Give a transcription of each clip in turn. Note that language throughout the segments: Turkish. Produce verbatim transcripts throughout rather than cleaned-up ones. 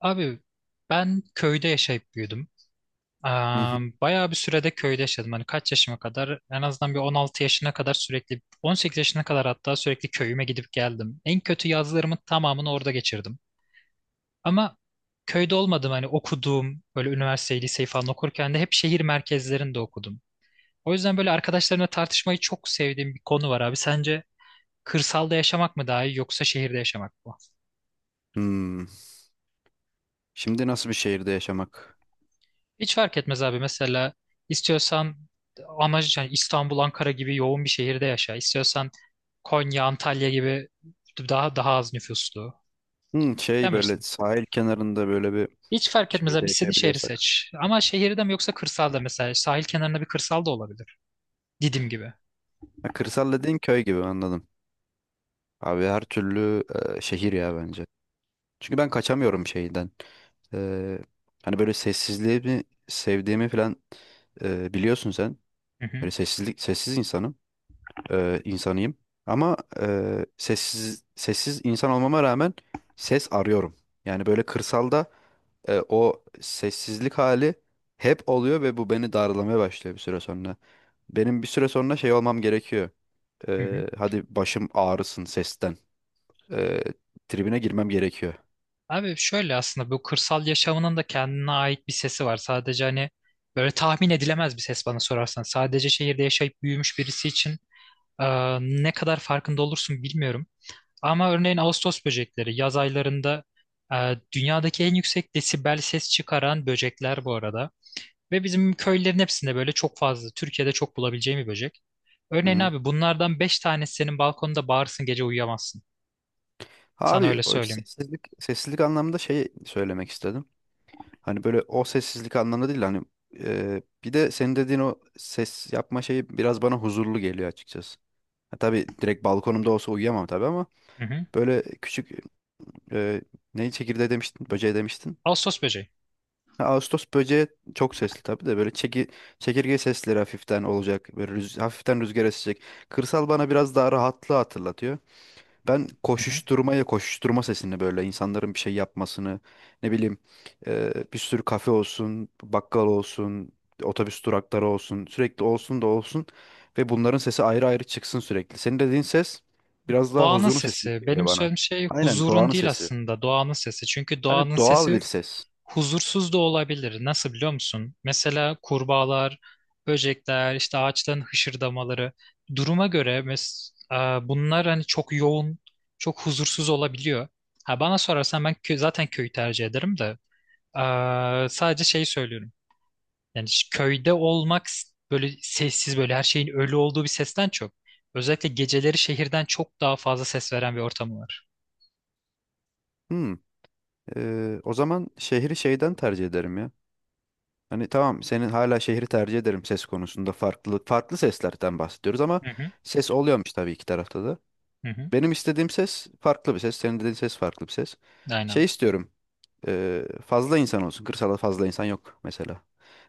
Abi ben köyde yaşayıp büyüdüm. Hı Aa, hı. Bayağı bir sürede köyde yaşadım. Hani kaç yaşıma kadar en azından bir on altı yaşına kadar sürekli on sekiz yaşına kadar hatta sürekli köyüme gidip geldim. En kötü yazlarımın tamamını orada geçirdim. Ama köyde olmadım hani okuduğum böyle üniversiteyi liseyi falan okurken de hep şehir merkezlerinde okudum. O yüzden böyle arkadaşlarımla tartışmayı çok sevdiğim bir konu var abi. Sence kırsalda yaşamak mı daha iyi yoksa şehirde yaşamak mı? Hmm. Şimdi nasıl bir şehirde yaşamak? Hiç fark etmez abi. Mesela istiyorsan amacı yani İstanbul, Ankara gibi yoğun bir şehirde yaşa. İstiyorsan Konya, Antalya gibi daha daha az nüfuslu. Hmm, şey böyle Demirsin. sahil kenarında böyle bir Hiç fark etmez abi. şeyde İstediğin şehri yaşayabiliyorsak. seç. Ama şehirde mi yoksa kırsalda mesela sahil kenarında bir kırsal da olabilir. Didim gibi. Ha, kırsal dediğin köy gibi anladım. Abi her türlü e, şehir ya bence. Çünkü ben kaçamıyorum şeyden. E, Hani böyle sessizliği mi sevdiğimi falan e, biliyorsun sen. Hı hı. Böyle sessizlik sessiz insanım. E, insanıyım. Ama e, sessiz sessiz insan olmama rağmen ses arıyorum. Yani böyle kırsalda e, o sessizlik hali hep oluyor ve bu beni darlamaya başlıyor bir süre sonra. Benim bir süre sonra şey olmam gerekiyor. Hı hı. E, hadi başım ağrısın sesten. E, tribine girmem gerekiyor. Abi şöyle aslında bu kırsal yaşamının da kendine ait bir sesi var. Sadece hani böyle tahmin edilemez bir ses bana sorarsan. Sadece şehirde yaşayıp büyümüş birisi için e, ne kadar farkında olursun bilmiyorum. Ama örneğin Ağustos böcekleri yaz aylarında e, dünyadaki en yüksek desibel ses çıkaran böcekler bu arada. Ve bizim köylerin hepsinde böyle çok fazla, Türkiye'de çok bulabileceğim bir böcek. Hı Örneğin hı. abi bunlardan beş tanesi senin balkonda bağırsın gece uyuyamazsın. Sana Abi öyle o söyleyeyim. sessizlik sessizlik anlamında şey söylemek istedim. Hani böyle o sessizlik anlamında değil, hani e, bir de senin dediğin o ses yapma şeyi biraz bana huzurlu geliyor açıkçası. Ha, tabii direkt balkonumda olsa uyuyamam tabii ama Hı hı. böyle küçük e, neyi, çekirdeği demiştin, böceği demiştin. Ağustos böceği. Ha, Ağustos böceği çok sesli tabii de böyle çeki, çekirge sesleri hafiften olacak. Böyle rüz- hafiften rüzgar esecek. Kırsal bana biraz daha rahatlığı hatırlatıyor. Ben Hı hı. koşuşturmaya, koşuşturma sesini, böyle insanların bir şey yapmasını, ne bileyim, e, bir sürü kafe olsun, bakkal olsun, otobüs durakları olsun, sürekli olsun da olsun ve bunların sesi ayrı ayrı çıksın sürekli. Senin dediğin ses biraz daha Doğanın huzurun sesi gibi sesi. geliyor Benim bana. söylediğim şey Aynen huzurun doğanın değil sesi. aslında doğanın sesi. Çünkü Yani doğanın doğal sesi bir ses. huzursuz da olabilir. Nasıl biliyor musun? Mesela kurbağalar, böcekler, işte ağaçların hışırdamaları. Duruma göre mes e, bunlar hani çok yoğun, çok huzursuz olabiliyor. Ha, bana sorarsan ben kö zaten köyü tercih ederim de. e, sadece şeyi söylüyorum. Yani ş- köyde olmak s- böyle sessiz böyle her şeyin ölü olduğu bir sesten çok. Özellikle geceleri şehirden çok daha fazla ses veren bir ortamı var. Hmm. E, o zaman şehri şeyden tercih ederim ya. Hani tamam, senin hala şehri tercih ederim, ses konusunda farklı farklı seslerden bahsediyoruz ama Hı hı, ses oluyormuş tabii iki tarafta da. hı hı. Benim istediğim ses farklı bir ses. Senin dediğin ses farklı bir ses. Şey Aynen. istiyorum. e, fazla insan olsun. Kırsalda fazla insan yok mesela.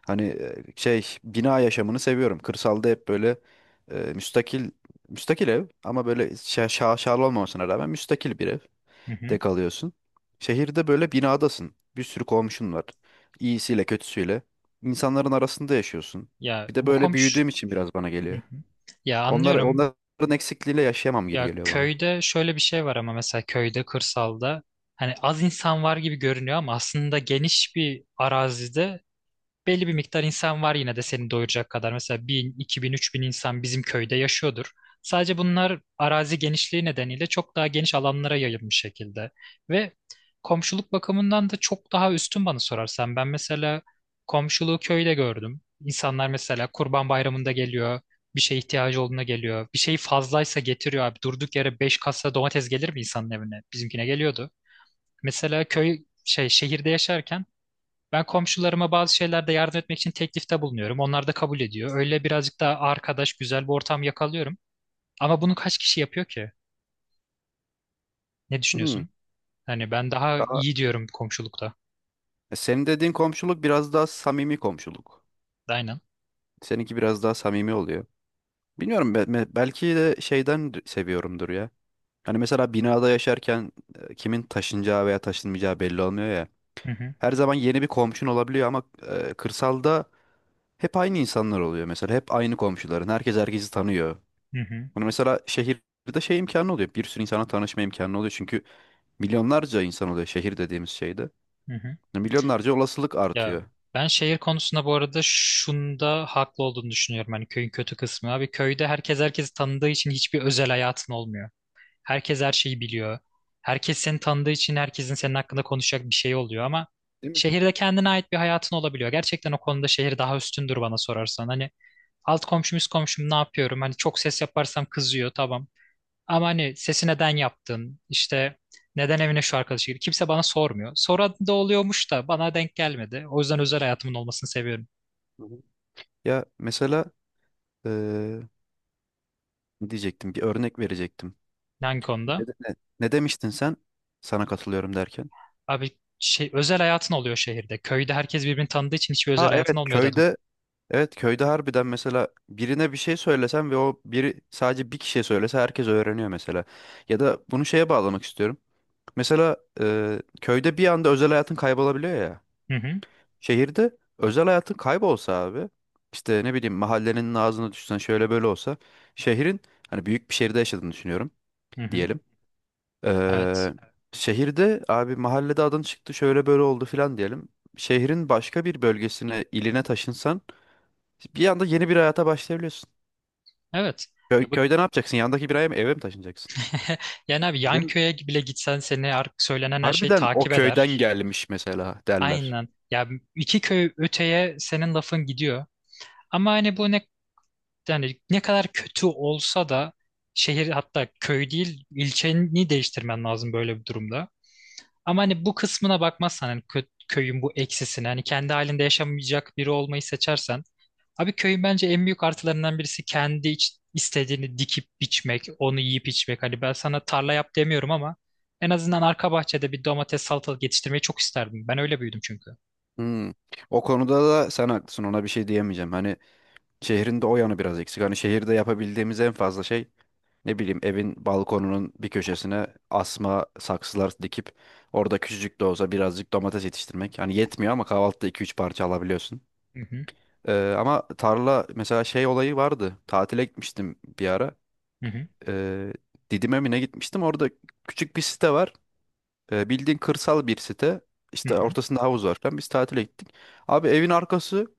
Hani e, şey, bina yaşamını seviyorum. Kırsalda hep böyle e, müstakil, müstakil ev, ama böyle şa şaşalı olmamasına rağmen müstakil bir Hı evde hı. kalıyorsun. Şehirde böyle binadasın. Bir sürü komşun var. İyisiyle kötüsüyle. İnsanların arasında yaşıyorsun. Ya Bir de bu böyle komşu. büyüdüğüm için biraz bana Hı geliyor. hı. Ya Onlar anlıyorum. onların eksikliğiyle yaşayamam gibi Ya geliyor bana. köyde şöyle bir şey var ama mesela köyde, kırsalda hani az insan var gibi görünüyor ama aslında geniş bir arazide belli bir miktar insan var yine de seni doyuracak kadar. Mesela bin, iki bin, üç bin insan bizim köyde yaşıyordur. Sadece bunlar arazi genişliği nedeniyle çok daha geniş alanlara yayılmış şekilde. Ve komşuluk bakımından da çok daha üstün bana sorarsan. Ben mesela komşuluğu köyde gördüm. İnsanlar mesela Kurban Bayramı'nda geliyor. Bir şeye ihtiyacı olduğunda geliyor. Bir şey fazlaysa getiriyor abi. Durduk yere beş kasa domates gelir mi insanın evine? Bizimkine geliyordu. Mesela köy şey şehirde yaşarken ben komşularıma bazı şeylerde yardım etmek için teklifte bulunuyorum. Onlar da kabul ediyor. Öyle birazcık daha arkadaş, güzel bir ortam yakalıyorum. Ama bunu kaç kişi yapıyor ki? Ne Hmm. düşünüyorsun? Hani ben daha iyi diyorum komşulukta. E, Senin dediğin komşuluk biraz daha samimi komşuluk. Aynen. Seninki biraz daha samimi oluyor. Bilmiyorum, be- be- belki de şeyden d- seviyorumdur ya. Hani mesela binada yaşarken e, kimin taşınacağı veya taşınmayacağı belli olmuyor ya. Hı hı, Her zaman yeni bir komşun olabiliyor ama e, kırsalda hep aynı insanlar oluyor mesela. Hep aynı komşuların. Herkes herkesi tanıyor. hı hı, Bunu mesela şehirde şey imkanı oluyor. Bir sürü insana tanışma imkanı oluyor. Çünkü milyonlarca insan oluyor şehir dediğimiz şeyde. hı hı. Milyonlarca olasılık Ya artıyor. ben şehir konusunda bu arada şunda haklı olduğunu düşünüyorum. Hani köyün kötü kısmı. Abi köyde herkes herkesi tanıdığı için hiçbir özel hayatın olmuyor. Herkes her şeyi biliyor. Herkes seni tanıdığı için herkesin senin hakkında konuşacak bir şey oluyor ama Değil mi? şehirde kendine ait bir hayatın olabiliyor. Gerçekten o konuda şehir daha üstündür bana sorarsan. Hani alt komşum üst komşum ne yapıyorum? Hani çok ses yaparsam kızıyor tamam. Ama hani sesi neden yaptın? İşte neden evine şu arkadaşı girdi? Kimse bana sormuyor. Soran da oluyormuş da bana denk gelmedi. O yüzden özel hayatımın olmasını seviyorum. Hı hı. Ya mesela Ee, ne diyecektim? Bir örnek verecektim. Hangi konuda? Ne, de- ne, ne demiştin sen? Sana katılıyorum derken. Abi şey, özel hayatın oluyor şehirde. Köyde herkes birbirini tanıdığı için hiçbir özel Ha hayatın evet, olmuyor dedim. köyde evet köyde harbiden mesela birine bir şey söylesen ve o biri sadece bir kişiye söylese herkes öğreniyor mesela. Ya da bunu şeye bağlamak istiyorum. Mesela e, köyde bir anda özel hayatın kaybolabiliyor ya. Hı hı, Şehirde özel hayatın kaybolsa abi, işte ne bileyim, mahallenin ağzına düşsen, şöyle böyle olsa, şehrin, hani büyük bir şehirde yaşadığını düşünüyorum hı hı. diyelim. Evet. Eee, şehirde abi, mahallede adın çıktı, şöyle böyle oldu filan diyelim. Şehrin başka bir bölgesine, iline taşınsan bir anda yeni bir hayata başlayabiliyorsun. Evet. Köy, Ya bu köyde ne yapacaksın? Yandaki bir aya mı, eve mi taşınacaksın? yani abi yan Değil mi? köye bile gitsen seni artık söylenen her şeyi Harbiden o takip köyden eder. gelmiş mesela derler. Aynen. Ya iki köy öteye senin lafın gidiyor. Ama hani bu ne yani ne kadar kötü olsa da şehir hatta köy değil ilçeni değiştirmen lazım böyle bir durumda. Ama hani bu kısmına bakmazsan hani kö- köyün bu eksisine hani kendi halinde yaşamayacak biri olmayı seçersen abi köyün bence en büyük artılarından birisi kendi iç- istediğini dikip biçmek, onu yiyip içmek. Hani ben sana tarla yap demiyorum ama en azından arka bahçede bir domates salatalık yetiştirmeyi çok isterdim. Ben öyle büyüdüm çünkü. Hmm. O konuda da sen haklısın, ona bir şey diyemeyeceğim. Hani şehrin de o yanı biraz eksik. Hani şehirde yapabildiğimiz en fazla şey, ne bileyim, evin balkonunun bir köşesine asma saksılar dikip orada küçücük de olsa birazcık domates yetiştirmek. Hani yetmiyor ama kahvaltıda iki üç parça alabiliyorsun. Hı hı, Ee, ama tarla, mesela şey olayı vardı. Tatile gitmiştim bir ara. hı hı, Ee, Didim'e mi ne gitmiştim? Orada küçük bir site var. Ee, bildiğin kırsal bir site. hı İşte hı, ortasında havuz var falan. Biz tatile gittik. Abi evin arkası,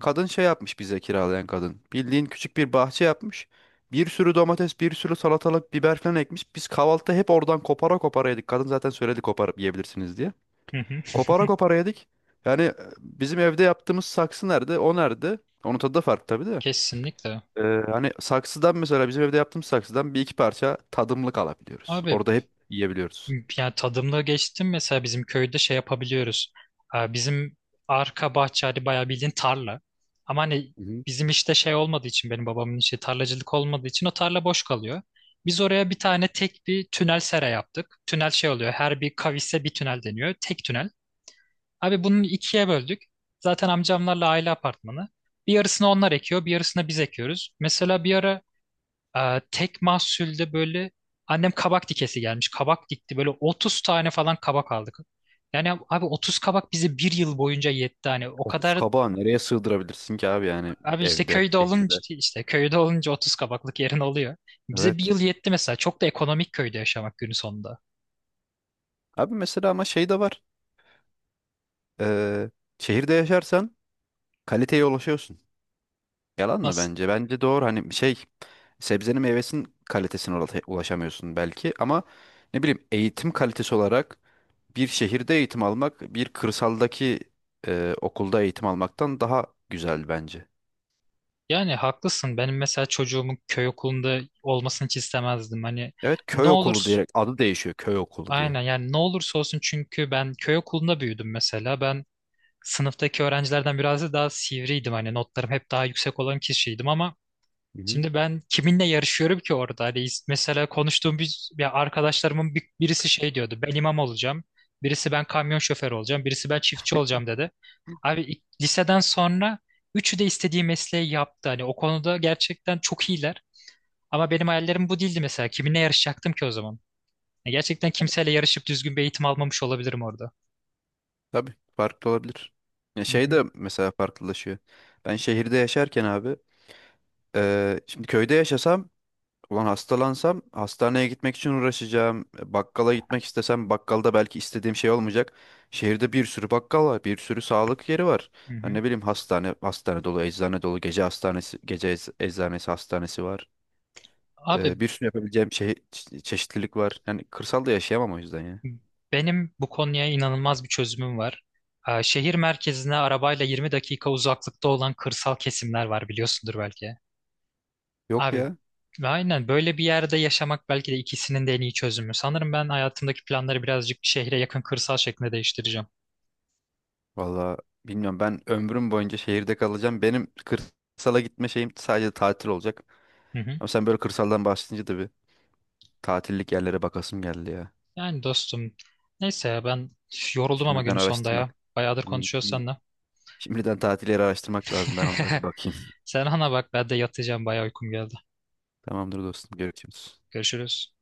kadın şey yapmış bize, kiralayan kadın. Bildiğin küçük bir bahçe yapmış. Bir sürü domates, bir sürü salatalık, biber falan ekmiş. Biz kahvaltıda hep oradan kopara kopara yedik. Kadın zaten söyledi koparıp yiyebilirsiniz diye. hı hı. Kopara kopara yedik. Yani e, bizim evde yaptığımız saksı nerede? O nerede? Onun tadı da farklı tabii de. Kesinlikle. Ee, hani saksıdan, mesela bizim evde yaptığımız saksıdan, bir iki parça tadımlık alabiliyoruz. Abi Orada hep yiyebiliyoruz. yani tadımla geçtim mesela bizim köyde şey yapabiliyoruz. Ee, Bizim arka bahçe hani bayağı bildiğin tarla. Ama hani Hı hı. bizim işte şey olmadığı için benim babamın işi tarlacılık olmadığı için o tarla boş kalıyor. Biz oraya bir tane tek bir tünel sera yaptık. Tünel şey oluyor her bir kavise bir tünel deniyor. Tek tünel. Abi bunu ikiye böldük. Zaten amcamlarla aile apartmanı. Bir yarısını onlar ekiyor bir yarısını biz ekiyoruz. Mesela bir ara ee, tek mahsulde böyle annem kabak dikesi gelmiş. Kabak dikti. Böyle otuz tane falan kabak aldık. Yani abi otuz kabak bize bir yıl boyunca yetti. Hani o otuz kadar kabağı nereye sığdırabilirsin ki abi, yani abi işte evde, köyde şehirde? olunca işte köyde olunca otuz kabaklık yerin oluyor. Evet. Bize bir yıl yetti mesela. Çok da ekonomik köyde yaşamak günün sonunda. Abi mesela ama şey de var. Ee, şehirde yaşarsan kaliteye ulaşıyorsun. Yalan mı Nasıl? bence? Bence doğru. Hani şey, sebzenin meyvesinin kalitesine ula- ulaşamıyorsun belki ama ne bileyim, eğitim kalitesi olarak bir şehirde eğitim almak, bir kırsaldaki e, okulda eğitim almaktan daha güzel bence. Yani haklısın. Benim mesela çocuğumun köy okulunda olmasını hiç istemezdim. Hani Evet, ne köy okulu olur diyerek adı değişiyor, köy okulu Aynen diye. yani ne olursa olsun çünkü ben köy okulunda büyüdüm mesela. Ben sınıftaki öğrencilerden biraz daha sivriydim. Hani notlarım hep daha yüksek olan kişiydim ama Hı hı. şimdi ben kiminle yarışıyorum ki orada? Hani mesela konuştuğum bir, bir arkadaşlarımın bir- birisi şey diyordu. Ben imam olacağım. Birisi ben kamyon şoförü olacağım. Birisi ben çiftçi olacağım dedi. Abi ilk- liseden sonra üçü de istediği mesleği yaptı. Hani o konuda gerçekten çok iyiler. Ama benim hayallerim bu değildi mesela. Kiminle yarışacaktım ki o zaman? Ya Gerçekten kimseyle yarışıp düzgün bir eğitim almamış olabilirim orada. Tabii farklı olabilir. Ya Hı şey hı, de mesela farklılaşıyor. Ben şehirde yaşarken abi, e, şimdi köyde yaşasam ulan hastalansam hastaneye gitmek için uğraşacağım. E, Bakkala gitmek istesem bakkalda belki istediğim şey olmayacak. Şehirde bir sürü bakkal var, bir sürü sağlık yeri var. hı Ha, hı. ne bileyim, hastane, hastane dolu, eczane dolu, gece hastanesi, gece ec- eczanesi, hastanesi var. Abi E, bir sürü yapabileceğim şey, çe- çeşitlilik var. Yani kırsalda yaşayamam o yüzden ya. Benim bu konuya inanılmaz bir çözümüm var. Ee, Şehir merkezine arabayla yirmi dakika uzaklıkta olan kırsal kesimler var biliyorsundur belki. Yok Abi ya. aynen böyle bir yerde yaşamak belki de ikisinin de en iyi çözümü. Sanırım ben hayatımdaki planları birazcık şehre yakın kırsal şeklinde değiştireceğim. Valla bilmiyorum, ben ömrüm boyunca şehirde kalacağım. Benim kırsala gitme şeyim sadece tatil olacak. Hı hı. Ama sen böyle kırsaldan bahsedince de bir tatillik yerlere bakasım geldi ya. Yani dostum neyse ya ben üf, yoruldum ama günün Şimdiden sonunda ya. araştırmak. Bayağıdır Hmm, konuşuyoruz Şimdi, seninle. şimdiden tatil yeri araştırmak lazım. Ben onlara bir bakayım. Sen ana bak ben de yatacağım bayağı uykum geldi. Tamamdır dostum. Görüşürüz. Görüşürüz.